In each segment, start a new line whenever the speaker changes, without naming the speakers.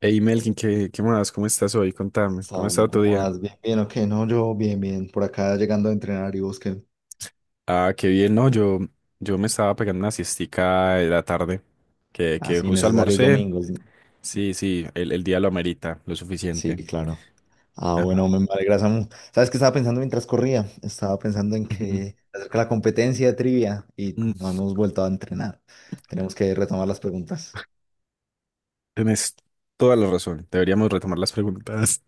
Hey Melkin, ¿qué más? ¿Cómo estás hoy? Contame, ¿cómo ha
Saúl,
estado tu
¿cómo
día?
vas? Bien, bien, ok, no, yo bien, bien, por acá llegando a entrenar y busquen
Ah, qué bien, no, yo me estaba pegando una siestica de la tarde, que
así
justo
necesarios
almorcé.
domingos. Sí,
Sí, sí, el día lo amerita, lo
sí,
suficiente.
claro. Ah,
Ajá.
bueno, me alegra, Samu. ¿Sabes qué estaba pensando mientras corría? Estaba pensando en
Ujú.
que acerca de la competencia de trivia y
Mm,
no hemos vuelto a entrenar. Tenemos que retomar las preguntas.
Tienes toda la razón, deberíamos retomar las preguntas.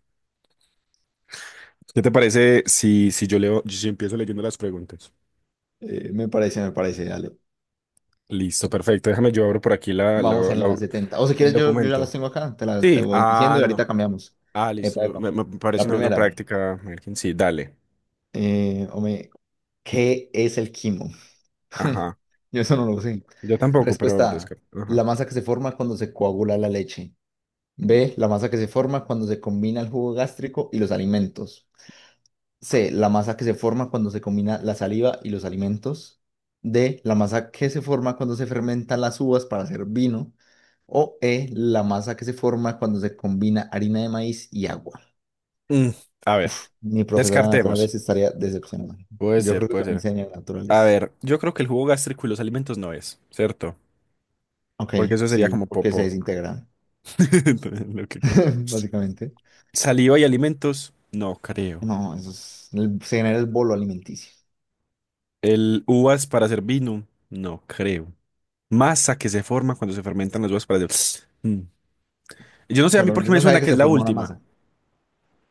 ¿Qué te parece si yo leo, si empiezo leyendo las preguntas?
Me parece, dale.
Listo, perfecto, déjame yo abro por aquí
Vamos en las 70 o si
el
quieres, yo ya las
documento.
tengo acá, te
Sí,
voy
ah,
diciendo y
no.
ahorita cambiamos.
Ah, listo.
Epa, epa.
Me parece
La
una buena
primera,
práctica, Melkin. Sí, dale.
hombre, ¿qué es el quimo?
Ajá.
Yo eso no lo sé.
Yo tampoco, pero
Respuesta A.
descarté. Ajá.
La masa que se forma cuando se coagula la leche. B. La masa que se forma cuando se combina el jugo gástrico y los alimentos. C. La masa que se forma cuando se combina la saliva y los alimentos. D. La masa que se forma cuando se fermentan las uvas para hacer vino. O E. La masa que se forma cuando se combina harina de maíz y agua.
Mm, a ver,
Mi profesora de
descartemos.
naturales estaría decepcionada.
Puede
Yo creo
ser,
que
puede
se me
ser.
enseña en
A
naturales.
ver, yo creo que el jugo gástrico y los alimentos no es, ¿cierto?
Ok,
Porque eso sería
sí,
como
porque se
popó.
desintegra.
Lo que queda.
Básicamente.
Saliva y alimentos, no creo.
No, eso es, se genera el bolo alimenticio.
El uvas para hacer vino, no creo. Masa que se forma cuando se fermentan las uvas para hacer. Mm. Yo no sé a mí
Pero
por qué
yo
me
no sabía
suena
que
que es
se
la
forma una
última.
masa.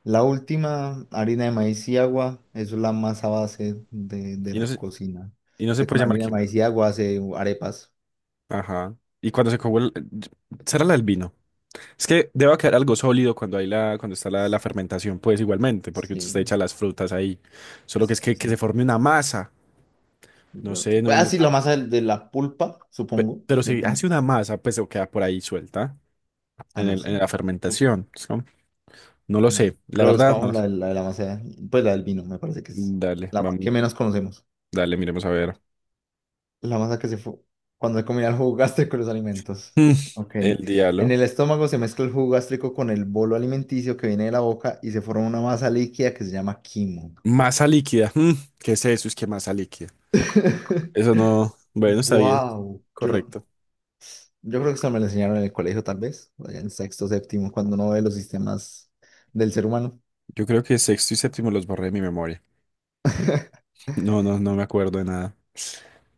La última, harina de maíz y agua, eso es la masa base de
Y no
la
sé,
cocina.
y no se
Usted
puede
con
llamar
harina de
quema.
maíz y agua hace arepas.
Ajá. Y cuando se coge el... ¿Será la del vino? Es que debe quedar algo sólido cuando hay la, cuando está la fermentación, pues igualmente, porque usted
Sí,
echa las frutas ahí. Solo que es
sí,
que se
sí.
forme una masa. No
Yo-
sé, no,
pues, Ah,
no
sí, la
tan-
masa de la pulpa,
pe-
supongo.
pero si hace una masa, pues se queda por ahí suelta
Ah,
en
no
el,
sé.
en la
Tú-
fermentación, ¿no? No lo
mm.
sé, la
Pero
verdad no
buscamos
lo sé.
de la masa, pues la del vino, me parece que es
Dale,
la
vamos,
que menos conocemos.
dale, miremos a ver.
La masa que se fue cuando combina el jugo gástrico y los alimentos.
Mm,
Ok.
el
En
diablo.
el estómago se mezcla el jugo gástrico con el bolo alimenticio que viene de la boca y se forma una masa líquida que se llama quimo.
Masa líquida. ¿Qué es eso? Es que masa líquida. Eso no. Bueno, está bien.
Wow. Yo no,
Correcto.
yo creo que eso me lo enseñaron en el colegio, tal vez, allá en sexto, séptimo, cuando uno ve los sistemas del ser humano.
Yo creo que sexto y séptimo los borré de mi memoria. No, no, no me acuerdo de nada,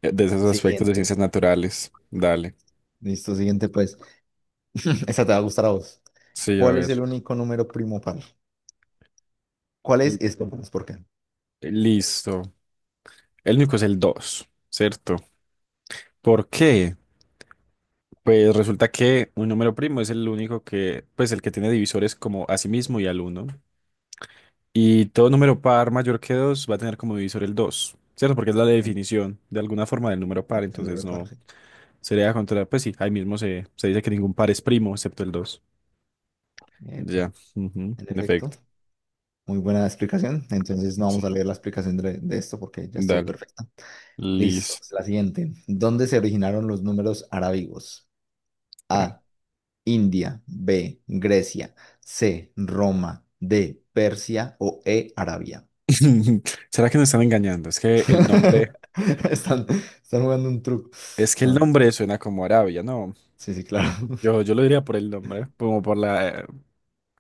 de esos aspectos de ciencias
Siguiente.
naturales. Dale.
Listo, siguiente, pues. Esa te va a gustar a vos.
Sí, a
¿Cuál es
ver.
el único número primo par? ¿Cuál
L-
es? Y esto, pues ¿por qué?
Listo. El único es el 2, ¿cierto? ¿Por qué? Pues resulta que un número primo es el único que, pues el que tiene divisores como a sí mismo y al uno. Y todo número par mayor que 2 va a tener como divisor el 2, ¿cierto? Porque es la
Eh,
definición de alguna forma del número par,
El
entonces
número par,
no
sí.
sería contra, pues sí, ahí mismo se dice que ningún par es primo excepto el dos.
Epa.
Ya, ujú,
En
en
efecto.
efecto.
Muy buena explicación. Entonces no vamos a
Sí.
leer la explicación de esto porque ya estuvo
Dale,
perfecta. Listo.
listo.
La siguiente. ¿Dónde se originaron los números arábigos? A. India. B. Grecia. C. Roma. D. Persia o E. Arabia.
¿Será que nos están engañando? Es que el nombre,
Están, están jugando un truco.
es que
A
el
ver,
nombre suena como Arabia, ¿no?
sí, sí, claro.
Yo lo diría por el nombre, como por la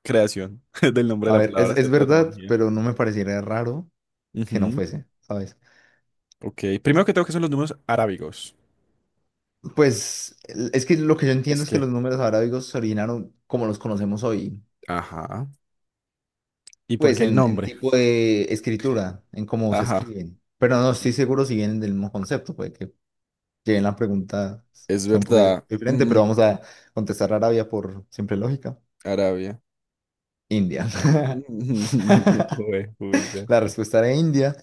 creación del nombre
A
de la
ver, es,
palabra,
es
¿cierto? La
verdad,
etimología.
pero no me pareciera raro que no
Ujú.
fuese, ¿sabes?
Ok, primero que tengo que son los números arábigos.
Pues es que lo que yo entiendo
Es
es que
que,
los números arábigos se originaron como los conocemos hoy.
ajá. ¿Y por
Pues
qué el
en
nombre?
tipo de escritura, en cómo se
Ajá,
escriben. Pero no estoy seguro si vienen del mismo concepto, puede que lleguen la pregunta
es
sea un poco
verdad.
diferente,
Mm,
pero vamos a contestar Arabia por siempre lógica.
Arabia.
India.
Juepucha.
La respuesta era India.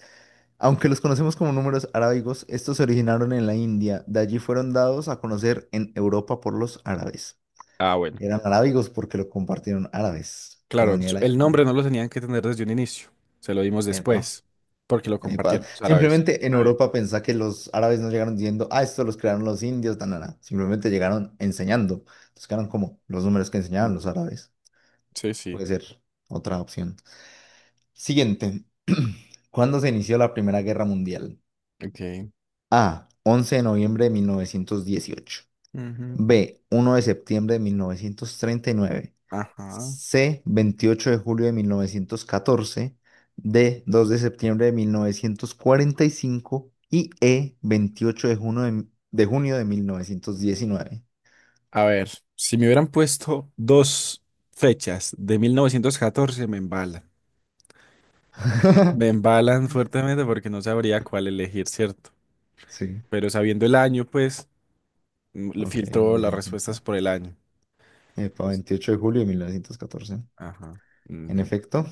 Aunque los conocemos como números arábigos, estos se originaron en la India. De allí fueron dados a conocer en Europa por los árabes.
Ah, bueno.
Eran arábigos porque lo compartieron árabes, pero
Claro,
venía de
su-
la
el nombre
India.
no lo tenían que tener desde un inicio. Se lo dimos
Epa.
después, porque lo compartieron los árabes.
Simplemente en
Está bien.
Europa pensá que los árabes no llegaron diciendo, "ah, esto los crearon los indios, tan, tan, tan". Simplemente llegaron enseñando. Entonces quedaron como los números que enseñaban los árabes.
Sí, sí.
Puede ser otra opción. Siguiente. ¿Cuándo se inició la Primera Guerra Mundial?
Ok.
A. once de noviembre de 1918.
Ujú.
B. uno de septiembre de 1939.
Ajá.
C, 28 de julio de 1914, D, 2 de septiembre de 1945 y E, 28 de junio de junio de 1919.
A ver, si me hubieran puesto dos fechas de 1914 me embalan. Me embalan fuertemente porque no sabría cuál elegir, ¿cierto?
Sí,
Pero sabiendo el año, pues, mm, lo
ok,
filtro las
bien.
respuestas
Epa.
por el año.
Epa,
Entonces,
28 de julio de mil novecientos catorce.
ajá. Mm,
En
bien.
efecto,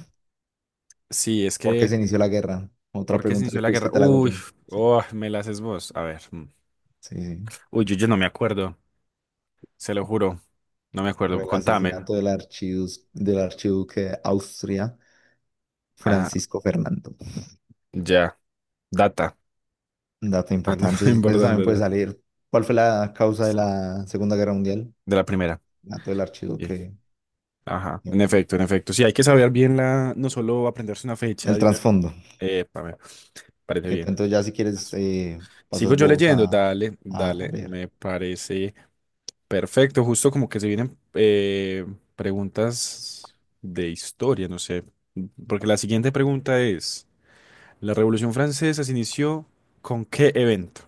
Sí, es
¿por qué
que,
se inició la guerra? Otra
¿por qué se
pregunta
inició
le
la
quiz que
guerra?
te la hago yo.
Uy,
Sí,
oh, me las es vos. A ver. Mm.
sí. Sí.
Uy, yo no me acuerdo. Se lo juro. No me acuerdo.
Por el
Contame.
asesinato del del archiduque de Austria,
Ah,
Francisco Fernando.
ya. Data.
Un dato
Ah, no,
importante, eso también puede
importante.
salir. ¿Cuál fue la causa de la Segunda Guerra Mundial?
De la primera.
Dato del archivo
Sí.
que...
Ajá, en efecto, en efecto. Sí, hay que saber bien la, no solo aprenderse una fecha
El
de una-
trasfondo.
Epa, me parece
Pues
bien.
entonces ya si quieres,
Sigo
pasas
yo
vos
leyendo,
a,
dale, dale,
ver.
me parece perfecto. Justo como que se vienen preguntas de historia, no sé. Porque la siguiente pregunta es, ¿la Revolución Francesa se inició con qué evento?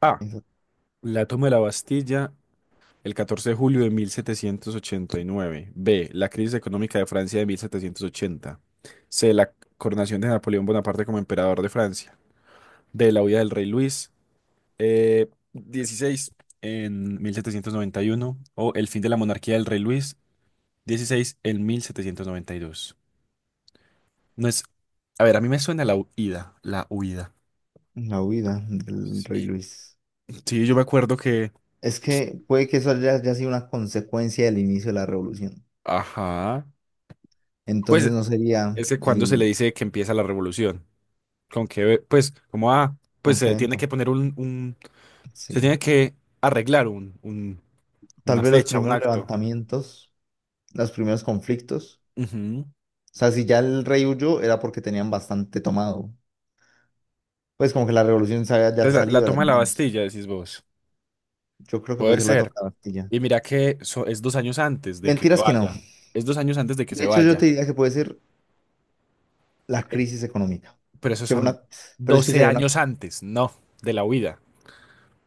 A,
Esa-
la toma de la Bastilla el 14 de julio de 1789. B. La crisis económica de Francia de 1780. C. La coronación de Napoleón Bonaparte como emperador de Francia. D. La huida del rey Luis XVI en 1791. O el fin de la monarquía del rey Luis dieciséis en 1792. No es... A ver, a mí me suena la huida. La huida.
la huida del rey
Sí.
Luis.
Sí, yo me acuerdo que...
Es que puede que eso haya sido una consecuencia del inicio de la revolución.
Ajá.
Entonces
Pues
no sería
ese cuando se le
el...
dice que empieza la revolución. Con que, pues, como ah, pues
¿Con qué
se tiene
evento?
que poner un- se
Sí.
tiene que arreglar un-
Tal
una
vez los
fecha, un
primeros
acto.
levantamientos, los primeros conflictos.
Ujú.
O sea, si ya el rey huyó era porque tenían bastante tomado. Pues como que la revolución se había ya
Entonces, la
salido de las
toma de la
manos.
Bastilla, decís vos.
Yo creo que puede
Puede
ser la toma
ser.
de la Bastilla.
Y mira que so- es dos años antes de que se
Mentiras que no.
vaya. Es 2 años antes de que
De
se
hecho, yo te
vaya.
diría que puede ser la crisis económica.
Pero esos
Que fue
son
una... Pero es que
12
sería
años
una...
antes, no, de la huida.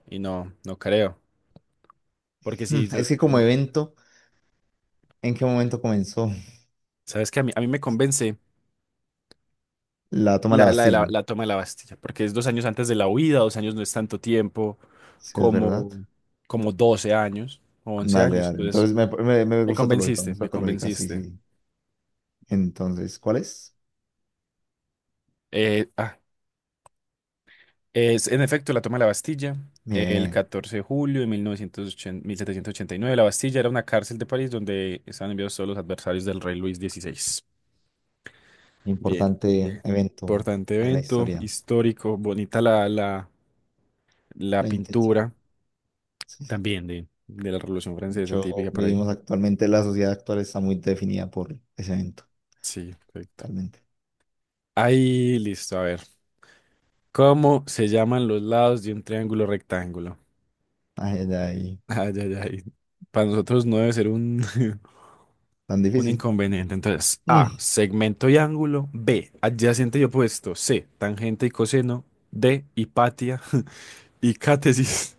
Y no, no creo. Porque si, yo-
Es que como
no,
evento, ¿en qué momento comenzó
sabes que a mí me convence
la toma de la
La, la, de la,
Bastilla?
la toma de la Bastilla, porque es 2 años antes de la huida, 2 años no es tanto tiempo
Si es verdad.
como, como 12 años o 11
Dale,
años.
dale.
Entonces,
Entonces me
me
gusta tu lógica, me
convenciste,
gusta
me
tu lógica, sí,
convenciste.
sí. Entonces, ¿cuál es?
Eh, ah, es en efecto la toma de la Bastilla, el
Bien,
14 de julio de mil novecientos ochenta ochenta setecientos ochenta y nueve. La Bastilla era una cárcel de París donde estaban enviados todos los adversarios del rey Luis dieciséis. Bien, bien.
importante evento
Importante
en la
evento
historia,
histórico, bonita la
la
pintura
intención. Sí, sí.
también de la Revolución
De
Francesa,
hecho,
típica por ahí.
vivimos actualmente, la sociedad actual está muy definida por ese evento,
Sí, perfecto.
realmente.
Ahí, listo, a ver. ¿Cómo se llaman los lados de un triángulo rectángulo?
Ay, ay, ay,
Ay, ay, ay. Para nosotros no debe ser un,
tan
un
difícil.
inconveniente. Entonces, A,
Mm,
segmento y ángulo. B, adyacente y opuesto. C, tangente y coseno. D, hipatia y cátesis.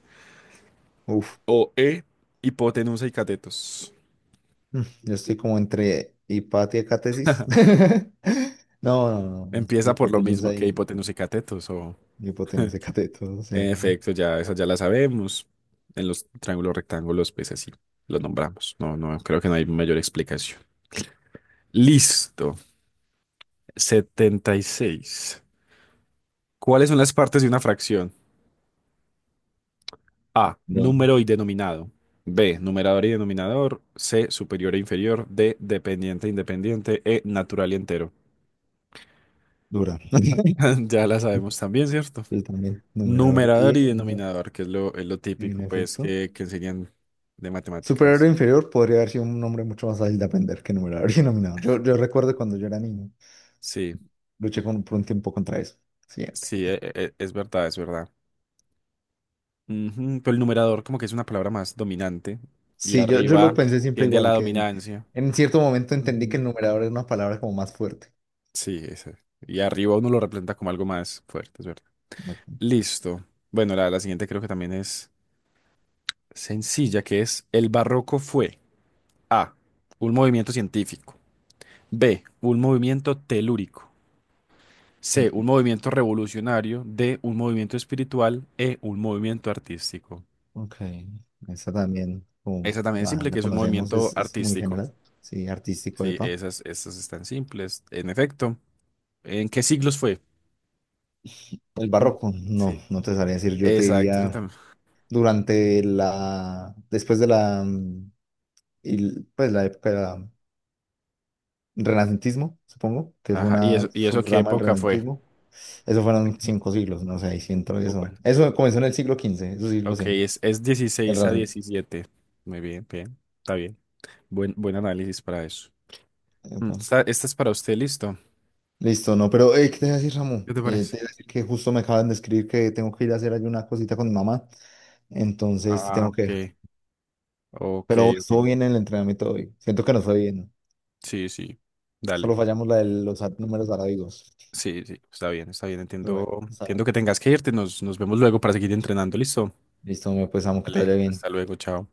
uf,
O E, hipotenusa y catetos.
yo estoy como entre hipatia y catesis. No, no, no,
Empieza por lo mismo
hipotenusa
que
y
hipotenusa y catetos, o
hipotenusa y cateto, o
en
¿no?
efecto, ya esa ya la sabemos. En los triángulos rectángulos, pues así los nombramos. No, no, creo que no hay mayor explicación. Listo. 76. ¿Cuáles son las partes de una fracción? A,
No,
número y denominado. B, numerador y denominador. C, superior e inferior. D, dependiente e independiente. E, natural y entero.
dura.
Ya la sabemos también, ¿cierto?
Y también, numerador y
Numerador y
denominador,
denominador, que es lo, es, lo típico,
en
pues,
efecto.
que enseñan de
Superior e
matemáticas.
inferior podría haber sido un nombre mucho más fácil de aprender que numerador y denominador. Yo recuerdo cuando yo era niño,
Sí.
luché por un tiempo contra eso. Siguiente.
Sí, es verdad, es verdad. Ujú. Pero el numerador como que es una palabra más dominante y
Sí, yo lo
arriba
pensé siempre
tiende a la
igual, que en,
dominancia.
en cierto momento entendí que
Ujú.
el numerador era una palabra como más fuerte.
Sí, ese. Y arriba uno lo representa como algo más fuerte, es verdad.
Me-
Listo. Bueno, la siguiente creo que también es sencilla, que es el barroco fue A, un movimiento científico. B, un movimiento telúrico.
me
C, un
explico.
movimiento revolucionario. D, un movimiento espiritual. E, un movimiento artístico.
Ok, esa también, como
Esa también es
la,
simple,
la
que es un
conocemos,
movimiento
es muy
artístico.
general. Sí, artístico,
Sí,
epa.
esas, esas están simples. En efecto, ¿en qué siglos fue?
El
Mm.
barroco, no,
Sí.
no te sabría decir, yo te
Exacto, eso
diría
también.
durante después de la, y, pues la época renacentismo, supongo, que fue
Ajá,
una
y eso qué
subrama del
época fue?
renacentismo. Eso fueron 5 siglos, no sé, ahí sí entró eso.
Bueno,
Eso comenzó en el siglo XV, eso sí lo
ok,
sé,
es
el
16 a
renacentismo.
17. Muy bien, bien, está bien. Buen, buen análisis para eso.
Epa.
Esta, esta es para usted, ¿listo?
Listo, no, pero ¿qué te iba a decir, Samu?
¿Qué te parece?
Te iba a decir que justo me acaban de escribir que tengo que ir a hacer ahí una cosita con mi mamá, entonces te
Ah,
tengo que
ok,
dejar.
ok,
Pero
ok.
estuvo bien el entrenamiento hoy. Siento que no fue bien, ¿no?
Sí, sí, dale.
Solo fallamos la de los números arábigos.
Sí, sí, está bien,
Pero
entiendo.
bueno, está bien.
Entiendo que tengas que irte, nos vemos luego para seguir entrenando, ¿listo?
Listo, me pues, Samu, que te vaya
Dale, hasta
bien.
luego, chao.